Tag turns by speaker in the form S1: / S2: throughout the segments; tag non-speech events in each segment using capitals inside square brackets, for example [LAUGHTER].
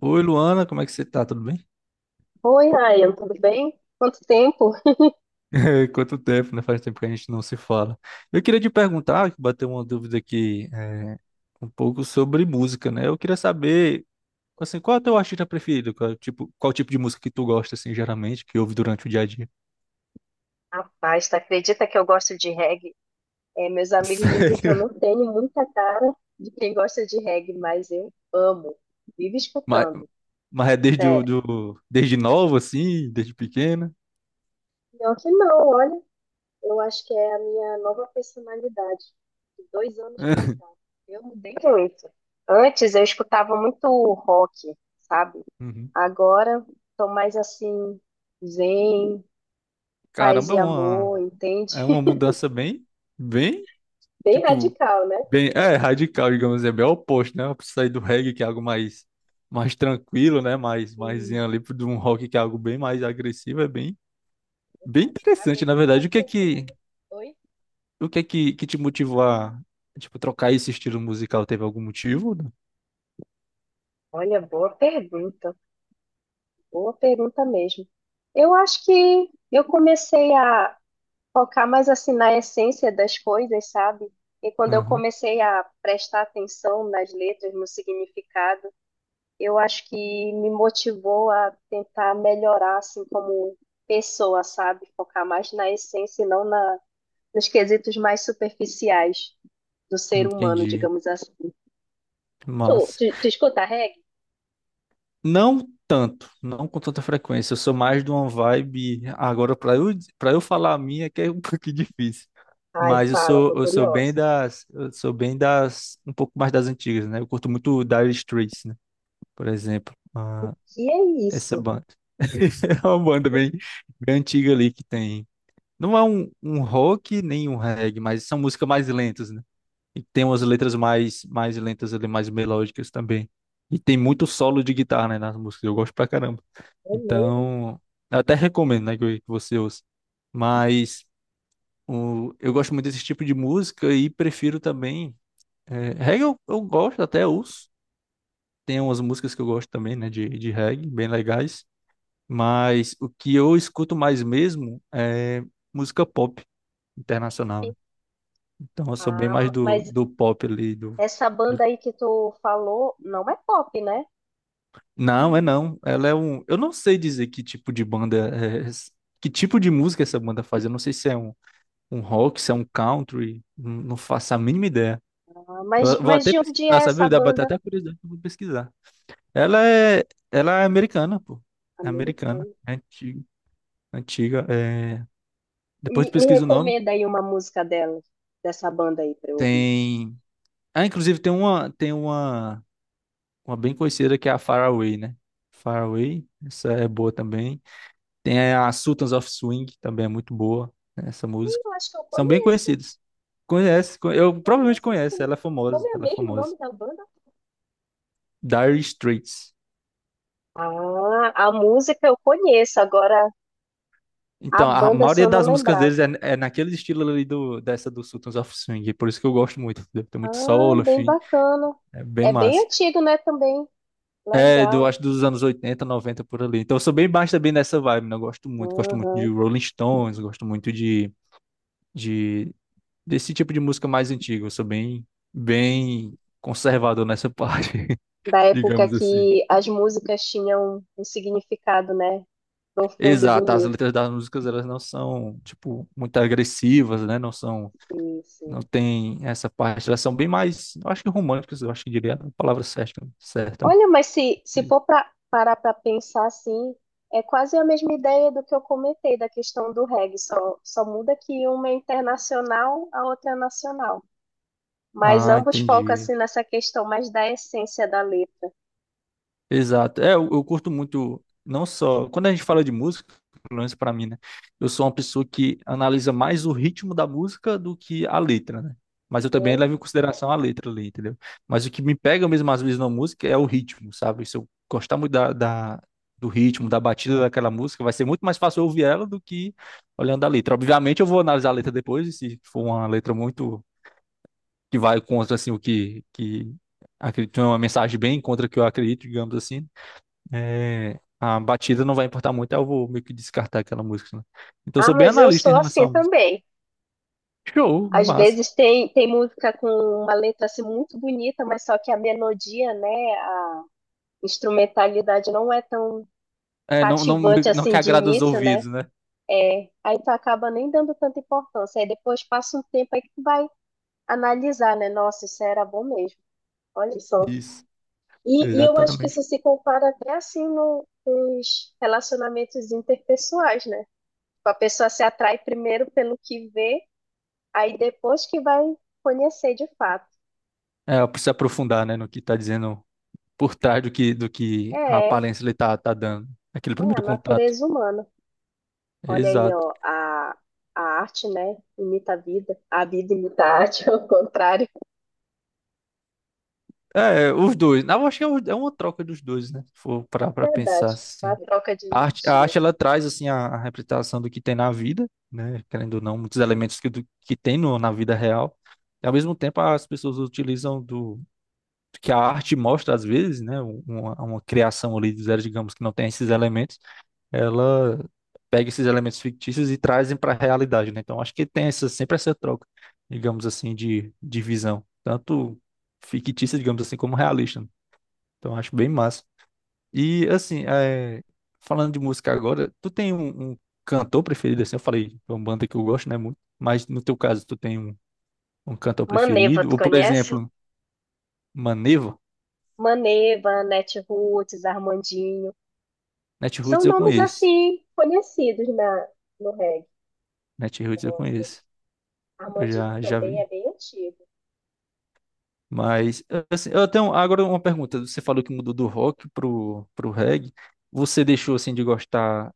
S1: Oi, Luana, como é que você tá? Tudo bem?
S2: Oi, Ryan, tudo bem? Quanto tempo?
S1: [LAUGHS] Quanto tempo, né? Faz tempo que a gente não se fala. Eu queria te perguntar, bater uma dúvida aqui, um pouco sobre música, né? Eu queria saber, assim, qual é o teu artista preferido? Qual tipo de música que tu gosta, assim, geralmente, que ouve durante o dia a dia?
S2: Rapaz, tu acredita que eu gosto de reggae? É, meus
S1: [LAUGHS]
S2: amigos dizem que eu
S1: Sério?
S2: não tenho muita cara de quem gosta de reggae, mas eu amo, vivo
S1: Mas,
S2: escutando,
S1: mas é desde, o,
S2: sério.
S1: do, desde novo, assim, desde pequena?
S2: Pior que não, olha, eu acho que é a minha nova personalidade, de dois anos pra cá.
S1: [LAUGHS]
S2: Eu mudei muito. Antes eu escutava muito rock, sabe?
S1: Uhum.
S2: Agora tô mais assim, zen, paz
S1: Caramba, é
S2: e
S1: uma,
S2: amor, entende?
S1: é uma mudança bem,
S2: [LAUGHS] Bem
S1: tipo,
S2: radical, né?
S1: É radical, digamos assim, é bem oposto, né? Eu preciso sair do reggae, que é algo mais tranquilo, né? Mais
S2: Hum,
S1: ali de um rock que é algo bem mais agressivo, é bem
S2: pra
S1: interessante,
S2: ver
S1: na
S2: como que é a
S1: verdade. O que é que,
S2: personalidade. Oi?
S1: o que é que te motivou a, tipo, trocar esse estilo musical? Teve algum motivo?
S2: Olha, boa pergunta mesmo. Eu acho que eu comecei a focar mais assim na essência das coisas, sabe? E quando eu
S1: Aham.
S2: comecei a prestar atenção nas letras, no significado, eu acho que me motivou a tentar melhorar assim como pessoa, sabe? Focar mais na essência e não na, nos quesitos mais superficiais do ser humano,
S1: Entendi.
S2: digamos assim. Tu,
S1: Massa.
S2: tu, tu escuta reggae?
S1: Não tanto, não com tanta frequência. Eu sou mais de uma vibe. Agora, para eu falar a minha, que é um [LAUGHS] pouquinho difícil.
S2: Ai,
S1: Mas eu
S2: fala,
S1: sou,
S2: tô
S1: eu sou bem
S2: curiosa.
S1: das, eu sou bem das, um pouco mais das antigas, né? Eu curto muito Dire Straits, né? Por exemplo, ah,
S2: Que é
S1: essa
S2: isso?
S1: banda. [LAUGHS] É uma banda bem antiga ali que tem. Não é um rock nem um reggae, mas são músicas mais lentas, né? E tem umas letras mais lentas ali, mais melódicas também. E tem muito solo de guitarra, né, nas músicas. Eu gosto pra caramba.
S2: É mesmo?
S1: Então, eu até recomendo, né, que você ouça. Mas eu gosto muito desse tipo de música e prefiro também. É, reggae eu gosto, até ouço. Tem umas músicas que eu gosto também, né, de reggae, bem legais. Mas o que eu escuto mais mesmo é música pop internacional, né? Então eu sou bem
S2: Ah,
S1: mais do,
S2: mas
S1: do pop ali, do...
S2: essa banda aí que tu falou não é pop, né?
S1: Não, é não. Ela é um... Eu não sei dizer que tipo de banda é... Que tipo de música essa banda faz. Eu não sei se é um rock, se é um country, não faço a mínima ideia.
S2: Ah, mas,
S1: Eu vou
S2: mas
S1: até
S2: de onde
S1: pesquisar,
S2: é essa
S1: sabe? Dá pra ter
S2: banda?
S1: até curiosidade, eu vou pesquisar. Ela é, ela é americana, pô. É americana,
S2: Americana.
S1: é antiga, antiga. É... Depois de
S2: Me
S1: pesquisa o nome,
S2: recomenda aí uma música dela, dessa banda aí pra eu ouvir.
S1: tem. Ah, inclusive tem uma bem conhecida que é a Faraway, né? Faraway, essa é boa também. Tem a Sultans of Swing, que também é muito boa, né, essa
S2: Ih,
S1: música.
S2: eu acho que eu
S1: São bem
S2: conheço,
S1: conhecidas. Eu provavelmente
S2: conheço
S1: conheço,
S2: sim.
S1: ela é
S2: Como
S1: famosa,
S2: é
S1: ela é
S2: mesmo o
S1: famosa.
S2: nome da banda?
S1: Dire Straits.
S2: Ah, a música eu conheço, agora a
S1: Então, a
S2: banda se
S1: maioria
S2: eu não
S1: das músicas
S2: lembrava.
S1: deles é naquele estilo ali dessa do Sultans of Swing, por isso que eu gosto muito, entendeu? Tem muito
S2: Ah,
S1: solo,
S2: bem
S1: enfim,
S2: bacana.
S1: é bem
S2: É bem
S1: massa.
S2: antigo, né, também.
S1: É, do,
S2: Legal.
S1: acho dos anos 80, 90 por ali. Então, eu sou bem baixo também nessa vibe, né? Eu gosto muito de
S2: Uhum.
S1: Rolling Stones, gosto muito de desse tipo de música mais antiga, eu sou bem conservador nessa parte, [LAUGHS]
S2: Da época
S1: digamos assim.
S2: que as músicas tinham um significado, né? Profundo e
S1: Exato, as
S2: bonito.
S1: letras das músicas, elas não são, tipo, muito agressivas, né? Não são.
S2: Sim,
S1: Não
S2: sim.
S1: tem essa parte. Elas são bem mais, eu acho que românticas, eu acho que diria a palavra certa, certa, né?
S2: Olha, mas se
S1: Eles-
S2: for pra parar para pensar assim, é quase a mesma ideia do que eu comentei da questão do reggae, só muda que uma é internacional, a outra é nacional. Mas
S1: Ah,
S2: ambos focam
S1: entendi.
S2: assim nessa questão mais da essência da letra,
S1: Exato. É, eu curto muito, não só. Quando a gente fala de música, pelo menos pra mim, né? Eu sou uma pessoa que analisa mais o ritmo da música do que a letra, né? Mas eu também
S2: né?
S1: levo em consideração a letra ali, entendeu? Mas o que me pega mesmo às vezes na música é o ritmo, sabe? Se eu gostar muito do ritmo, da batida daquela música, vai ser muito mais fácil eu ouvir ela do que olhando a letra. Obviamente eu vou analisar a letra depois, e se for uma letra muito que vai contra assim que acredito é uma mensagem bem contra o que eu acredito, digamos assim, é, a batida não vai importar muito, aí eu vou meio que descartar aquela música, né? Então eu
S2: Ah,
S1: sou bem
S2: mas eu
S1: analista em
S2: sou assim
S1: relação à música.
S2: também.
S1: Show,
S2: Às
S1: massa.
S2: vezes tem música com uma letra assim muito bonita, mas só que a melodia, né, a instrumentalidade não é tão
S1: É, não, não,
S2: cativante
S1: não que
S2: assim de
S1: agrada os
S2: início, né?
S1: ouvidos, né?
S2: É, aí tu acaba nem dando tanta importância. Aí depois passa um tempo aí que tu vai analisar, né? Nossa, isso era bom mesmo. Olha só.
S1: Isso,
S2: E eu acho que
S1: exatamente.
S2: isso se compara até assim nos relacionamentos interpessoais, né? Tipo, a pessoa se atrai primeiro pelo que vê, aí depois que vai conhecer de fato.
S1: É, eu preciso aprofundar, né, no que tá dizendo por trás do que a
S2: É,
S1: aparência ele tá dando. Aquele
S2: é a
S1: primeiro contato.
S2: natureza humana. Olha aí,
S1: Exato.
S2: ó, a arte, né, imita a vida imita a arte, [LAUGHS] ao contrário.
S1: É, os dois. Na verdade, é uma troca dos dois, né? Se for
S2: É
S1: parar pra pensar
S2: verdade, uma
S1: assim.
S2: troca de
S1: A arte, a
S2: energia.
S1: arte ela traz assim a representação do que tem na vida, né? Querendo ou não, muitos elementos que tem no, na vida real. E ao mesmo tempo as pessoas utilizam do que a arte mostra às vezes, né? Uma criação ali do zero, digamos, que não tem esses elementos, ela pega esses elementos fictícios e trazem para a realidade, né? Então acho que tem sempre essa troca, digamos assim, de visão, tanto fictícia, digamos assim, como realista, né? Então acho bem massa. E assim, falando de música agora, tu tem um, cantor preferido assim? Eu falei, é uma banda que eu gosto, né, muito. Mas no teu caso, tu tem um cantor
S2: Maneva,
S1: preferido?
S2: tu
S1: Ou, por
S2: conhece?
S1: exemplo, Maneva?
S2: Maneva, Netroots, Armandinho,
S1: Natiruts
S2: são
S1: eu
S2: nomes
S1: conheço.
S2: assim conhecidos no reggae.
S1: Natiruts eu
S2: Nossa,
S1: conheço. Eu
S2: Armandinho
S1: já
S2: também é
S1: vi.
S2: bem antigo.
S1: Mas, assim, eu tenho agora uma pergunta. Você falou que mudou do rock pro reggae. Você deixou, assim, de gostar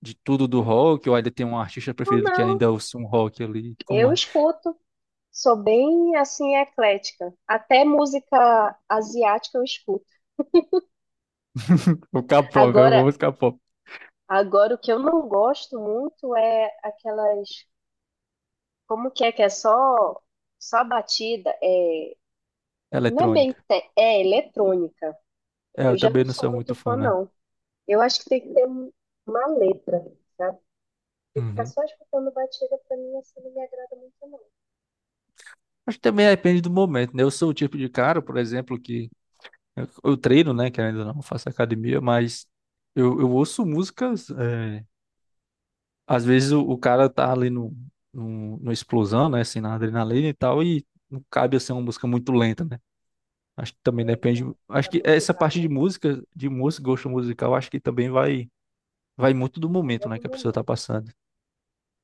S1: de tudo do rock? Ou ainda tem um artista
S2: Não,
S1: preferido que
S2: não,
S1: ainda ouça um rock ali? Como
S2: eu
S1: é?
S2: escuto. Sou bem assim eclética. Até música asiática eu escuto.
S1: [LAUGHS] O K-pop, eu vou
S2: Agora,
S1: buscar pop.
S2: Agora, o que eu não gosto muito é aquelas. Como que é só, só a batida? É, não é bem.
S1: Eletrônica.
S2: Te- É eletrônica.
S1: É,
S2: Eu
S1: eu
S2: já não
S1: também não
S2: sou
S1: sou muito
S2: muito fã,
S1: fã, né?
S2: não. Eu acho que tem que ter uma letra, sabe? E ficar
S1: Uhum.
S2: só escutando batida, pra mim, assim, não me agrada muito, não.
S1: Acho que também depende do momento, né? Eu sou o tipo de cara, por exemplo, que eu treino, né? Que ainda não faço academia, mas eu ouço músicas. Às vezes o cara tá ali no explosão, né? Assim, na adrenalina e tal, e não cabe assim uma música muito lenta, né? Acho que também
S2: É,
S1: depende.
S2: exato.
S1: Acho
S2: Pra
S1: que essa
S2: motivar,
S1: parte
S2: né?
S1: de música, gosto musical, acho que também vai muito do
S2: Ele é
S1: momento, né?
S2: do
S1: Que a pessoa tá
S2: momento.
S1: passando.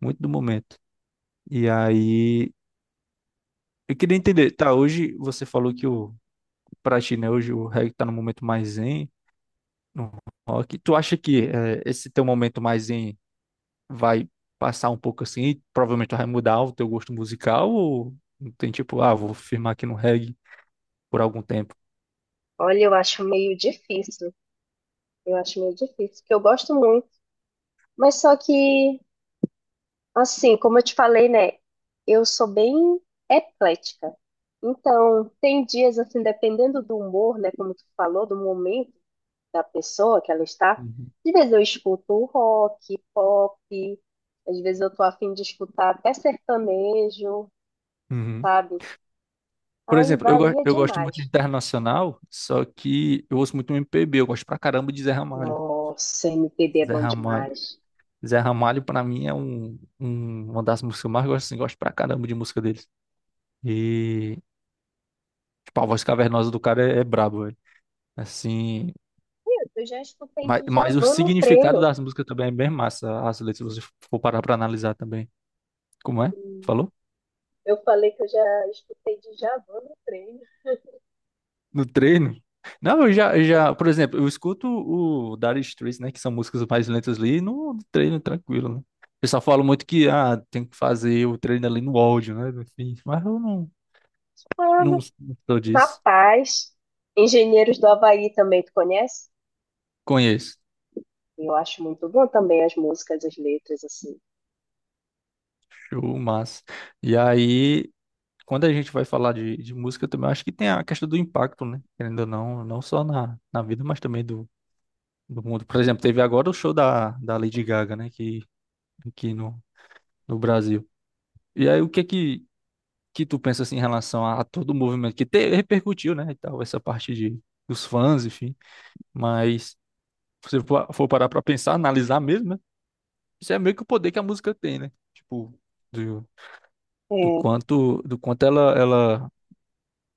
S1: Muito do momento. E aí, eu queria entender, tá? Hoje você falou que o pra ti, né? Hoje o reggae tá no momento mais zen, no rock. Tu acha que esse teu momento mais zen vai passar um pouco assim? E provavelmente tu vai mudar o teu gosto musical? Ou não tem tipo, ah, vou firmar aqui no reggae por algum tempo?
S2: Olha, eu acho meio difícil. Eu acho meio difícil, porque eu gosto muito. Mas só que, assim, como eu te falei, né? Eu sou bem eclética. Então, tem dias, assim, dependendo do humor, né? Como tu falou, do momento da pessoa que ela está.
S1: Uhum.
S2: Às vezes eu escuto rock, pop. Às vezes eu tô a fim de escutar até sertanejo,
S1: Uhum.
S2: sabe?
S1: Por
S2: Aí
S1: exemplo, eu, go-
S2: varia
S1: eu gosto muito de
S2: demais.
S1: internacional, só que eu ouço muito MPB, eu gosto pra caramba de Zé Ramalho.
S2: Nossa, MPB é
S1: Zé
S2: bom
S1: Ramalho.
S2: demais.
S1: Zé Ramalho, pra mim, é uma das músicas que eu mais gosto, assim, gosto pra caramba de música deles. E, tipo, a voz cavernosa do cara é brabo, assim,
S2: Meu, eu já escutei
S1: mas o
S2: Djavan no
S1: significado
S2: treino.
S1: das músicas também é bem massa, as letras, se você for parar pra analisar também. Como é? Falou?
S2: Eu falei que eu já escutei Djavan no treino.
S1: No treino? Não, eu já, por exemplo, eu escuto o Dire Straits, né, que são músicas mais lentas ali, no treino tranquilo, né? O pessoal fala muito que, ah, tem que fazer o treino ali no áudio, né, enfim, mas eu não,
S2: Ah,
S1: não sou disso.
S2: rapaz, Engenheiros do Havaí também tu conhece?
S1: Conheço.
S2: Eu acho muito bom também as músicas, as letras, assim.
S1: Show, massa. E aí, quando a gente vai falar de música, eu também acho que tem a questão do impacto, né? Querendo ou não, não só na vida, mas também do mundo. Por exemplo, teve agora o show da Lady Gaga, né? Que, aqui no Brasil. E aí, o que é que tu pensa assim, em relação a todo o movimento que te, repercutiu, né? E tal, essa parte dos fãs, enfim. Mas se você for parar pra pensar, analisar mesmo, né? Isso é meio que o poder que a música tem, né? Tipo, do, do quanto ela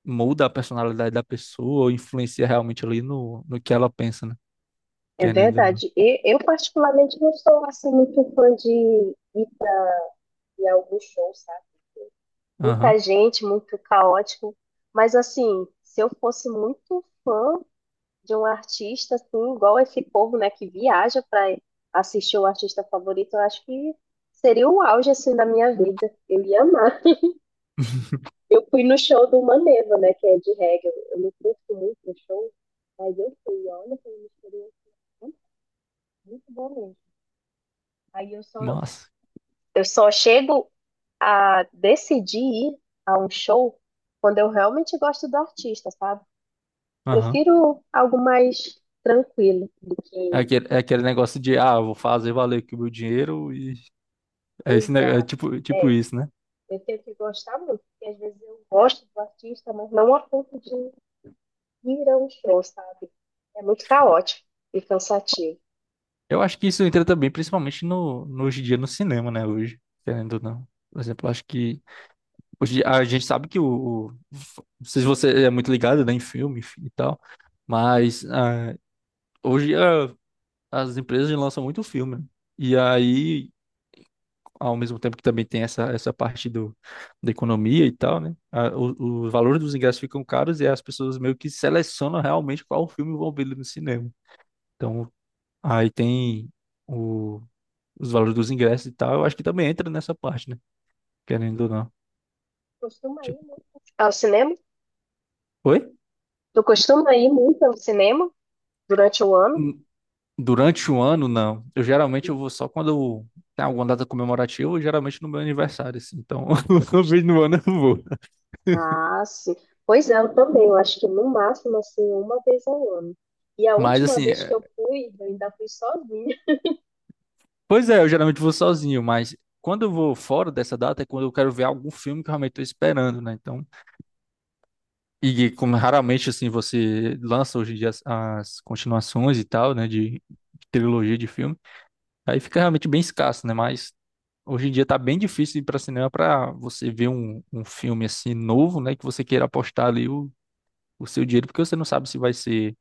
S1: muda a personalidade da pessoa, ou influencia realmente ali no que ela pensa, né?
S2: É, é
S1: Querendo ou não.
S2: verdade. E eu particularmente não sou assim muito fã de ir em alguns shows, sabe?
S1: Aham.
S2: Muita gente, muito caótico. Mas assim, se eu fosse muito fã de um artista, assim, igual esse povo, né, que viaja para assistir o artista favorito, eu acho que seria o auge assim da minha vida. Eu ia amar.
S1: [LAUGHS]
S2: Eu fui no show do Maneva, né? Que é de reggae. Eu não curto muito no show, mas eu fui. Olha, foi uma experiência muito, muito boa mesmo. Aí eu só,
S1: Massa.
S2: eu só chego a decidir ir a um show quando eu realmente gosto do artista, sabe?
S1: Aham.
S2: Prefiro algo mais tranquilo do
S1: É
S2: que
S1: aquele, é aquele negócio de, ah, eu vou fazer valer aqui o meu dinheiro e é, esse, é
S2: exato.
S1: tipo, tipo
S2: É,
S1: isso, né?
S2: eu tenho que gostar muito, porque às vezes eu gosto do artista, mas não a ponto de ir a um show, sabe? É muito caótico e cansativo.
S1: Eu acho que isso entra também, principalmente hoje em dia no cinema, né? Hoje, querendo ou não. Por exemplo, eu acho que hoje a gente sabe que não sei se você é muito ligado, né, em filme e tal, mas hoje as empresas lançam muito filme, né? E aí ao mesmo tempo que também tem essa parte da economia e tal, né? Os valores dos ingressos ficam caros e as pessoas meio que selecionam realmente qual filme vão ver no cinema. Então, aí tem o, os valores dos ingressos e tal. Eu acho que também entra nessa parte, né? Querendo ou não.
S2: Costuma ir
S1: Tipo,
S2: muito ao cinema?
S1: oi?
S2: Tu costuma ir muito ao cinema durante o ano?
S1: Hum, Durante o ano, não. Eu geralmente eu vou só quando tem alguma data comemorativa, geralmente no meu aniversário, assim. Então, [LAUGHS] uma vez no ano eu vou.
S2: Ah, sim. Pois é, eu também. Eu acho que no máximo, assim, uma vez ao ano. E a
S1: Mas
S2: última
S1: assim,
S2: vez que eu fui, eu ainda fui sozinha.
S1: pois é, eu geralmente vou sozinho, mas quando eu vou fora dessa data é quando eu quero ver algum filme que eu realmente estou esperando, né? Então, e como raramente assim você lança hoje em dia as, continuações e tal, né? De trilogia de filme, aí fica realmente bem escasso, né? Mas hoje em dia tá bem difícil ir para cinema para você ver um, filme assim novo, né? Que você queira apostar ali o seu dinheiro, porque você não sabe se vai ser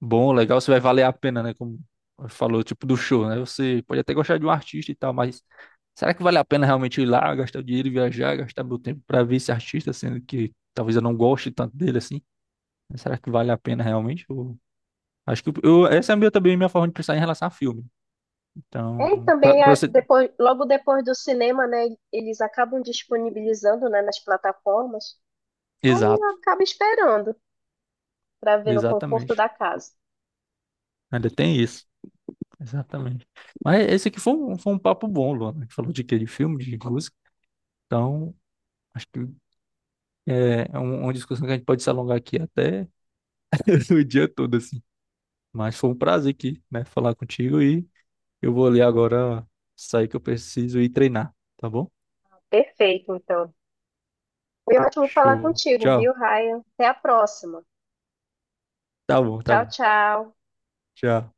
S1: bom, legal, se vai valer a pena, né? Como falou, tipo do show, né? Você pode até gostar de um artista e tal, mas será que vale a pena realmente ir lá, gastar o dinheiro, e viajar, gastar meu tempo pra ver esse artista, sendo que talvez eu não goste tanto dele assim? Será que vale a pena realmente? Acho que essa é a minha, também a minha forma de pensar em relação a filme.
S2: É, e
S1: Então, pra,
S2: também,
S1: pra você.
S2: depois, logo depois do cinema, né, eles acabam disponibilizando, né, nas plataformas. Aí eu
S1: Exato,
S2: acabo esperando para ver no conforto
S1: exatamente.
S2: da casa.
S1: Ainda tem isso. Exatamente. Mas esse aqui foi um papo bom, Luana. A gente falou de quê? De filme, de música. Então, acho que é uma discussão que a gente pode se alongar aqui até [LAUGHS] o dia todo, assim. Mas foi um prazer aqui, né, falar contigo e eu vou ali agora sair que eu preciso ir treinar, tá bom?
S2: Perfeito, então. Foi ótimo falar
S1: Show.
S2: contigo, viu,
S1: Tchau.
S2: Ryan? Até a próxima.
S1: Tá bom, tá
S2: Tchau,
S1: bom.
S2: tchau.
S1: Tchau.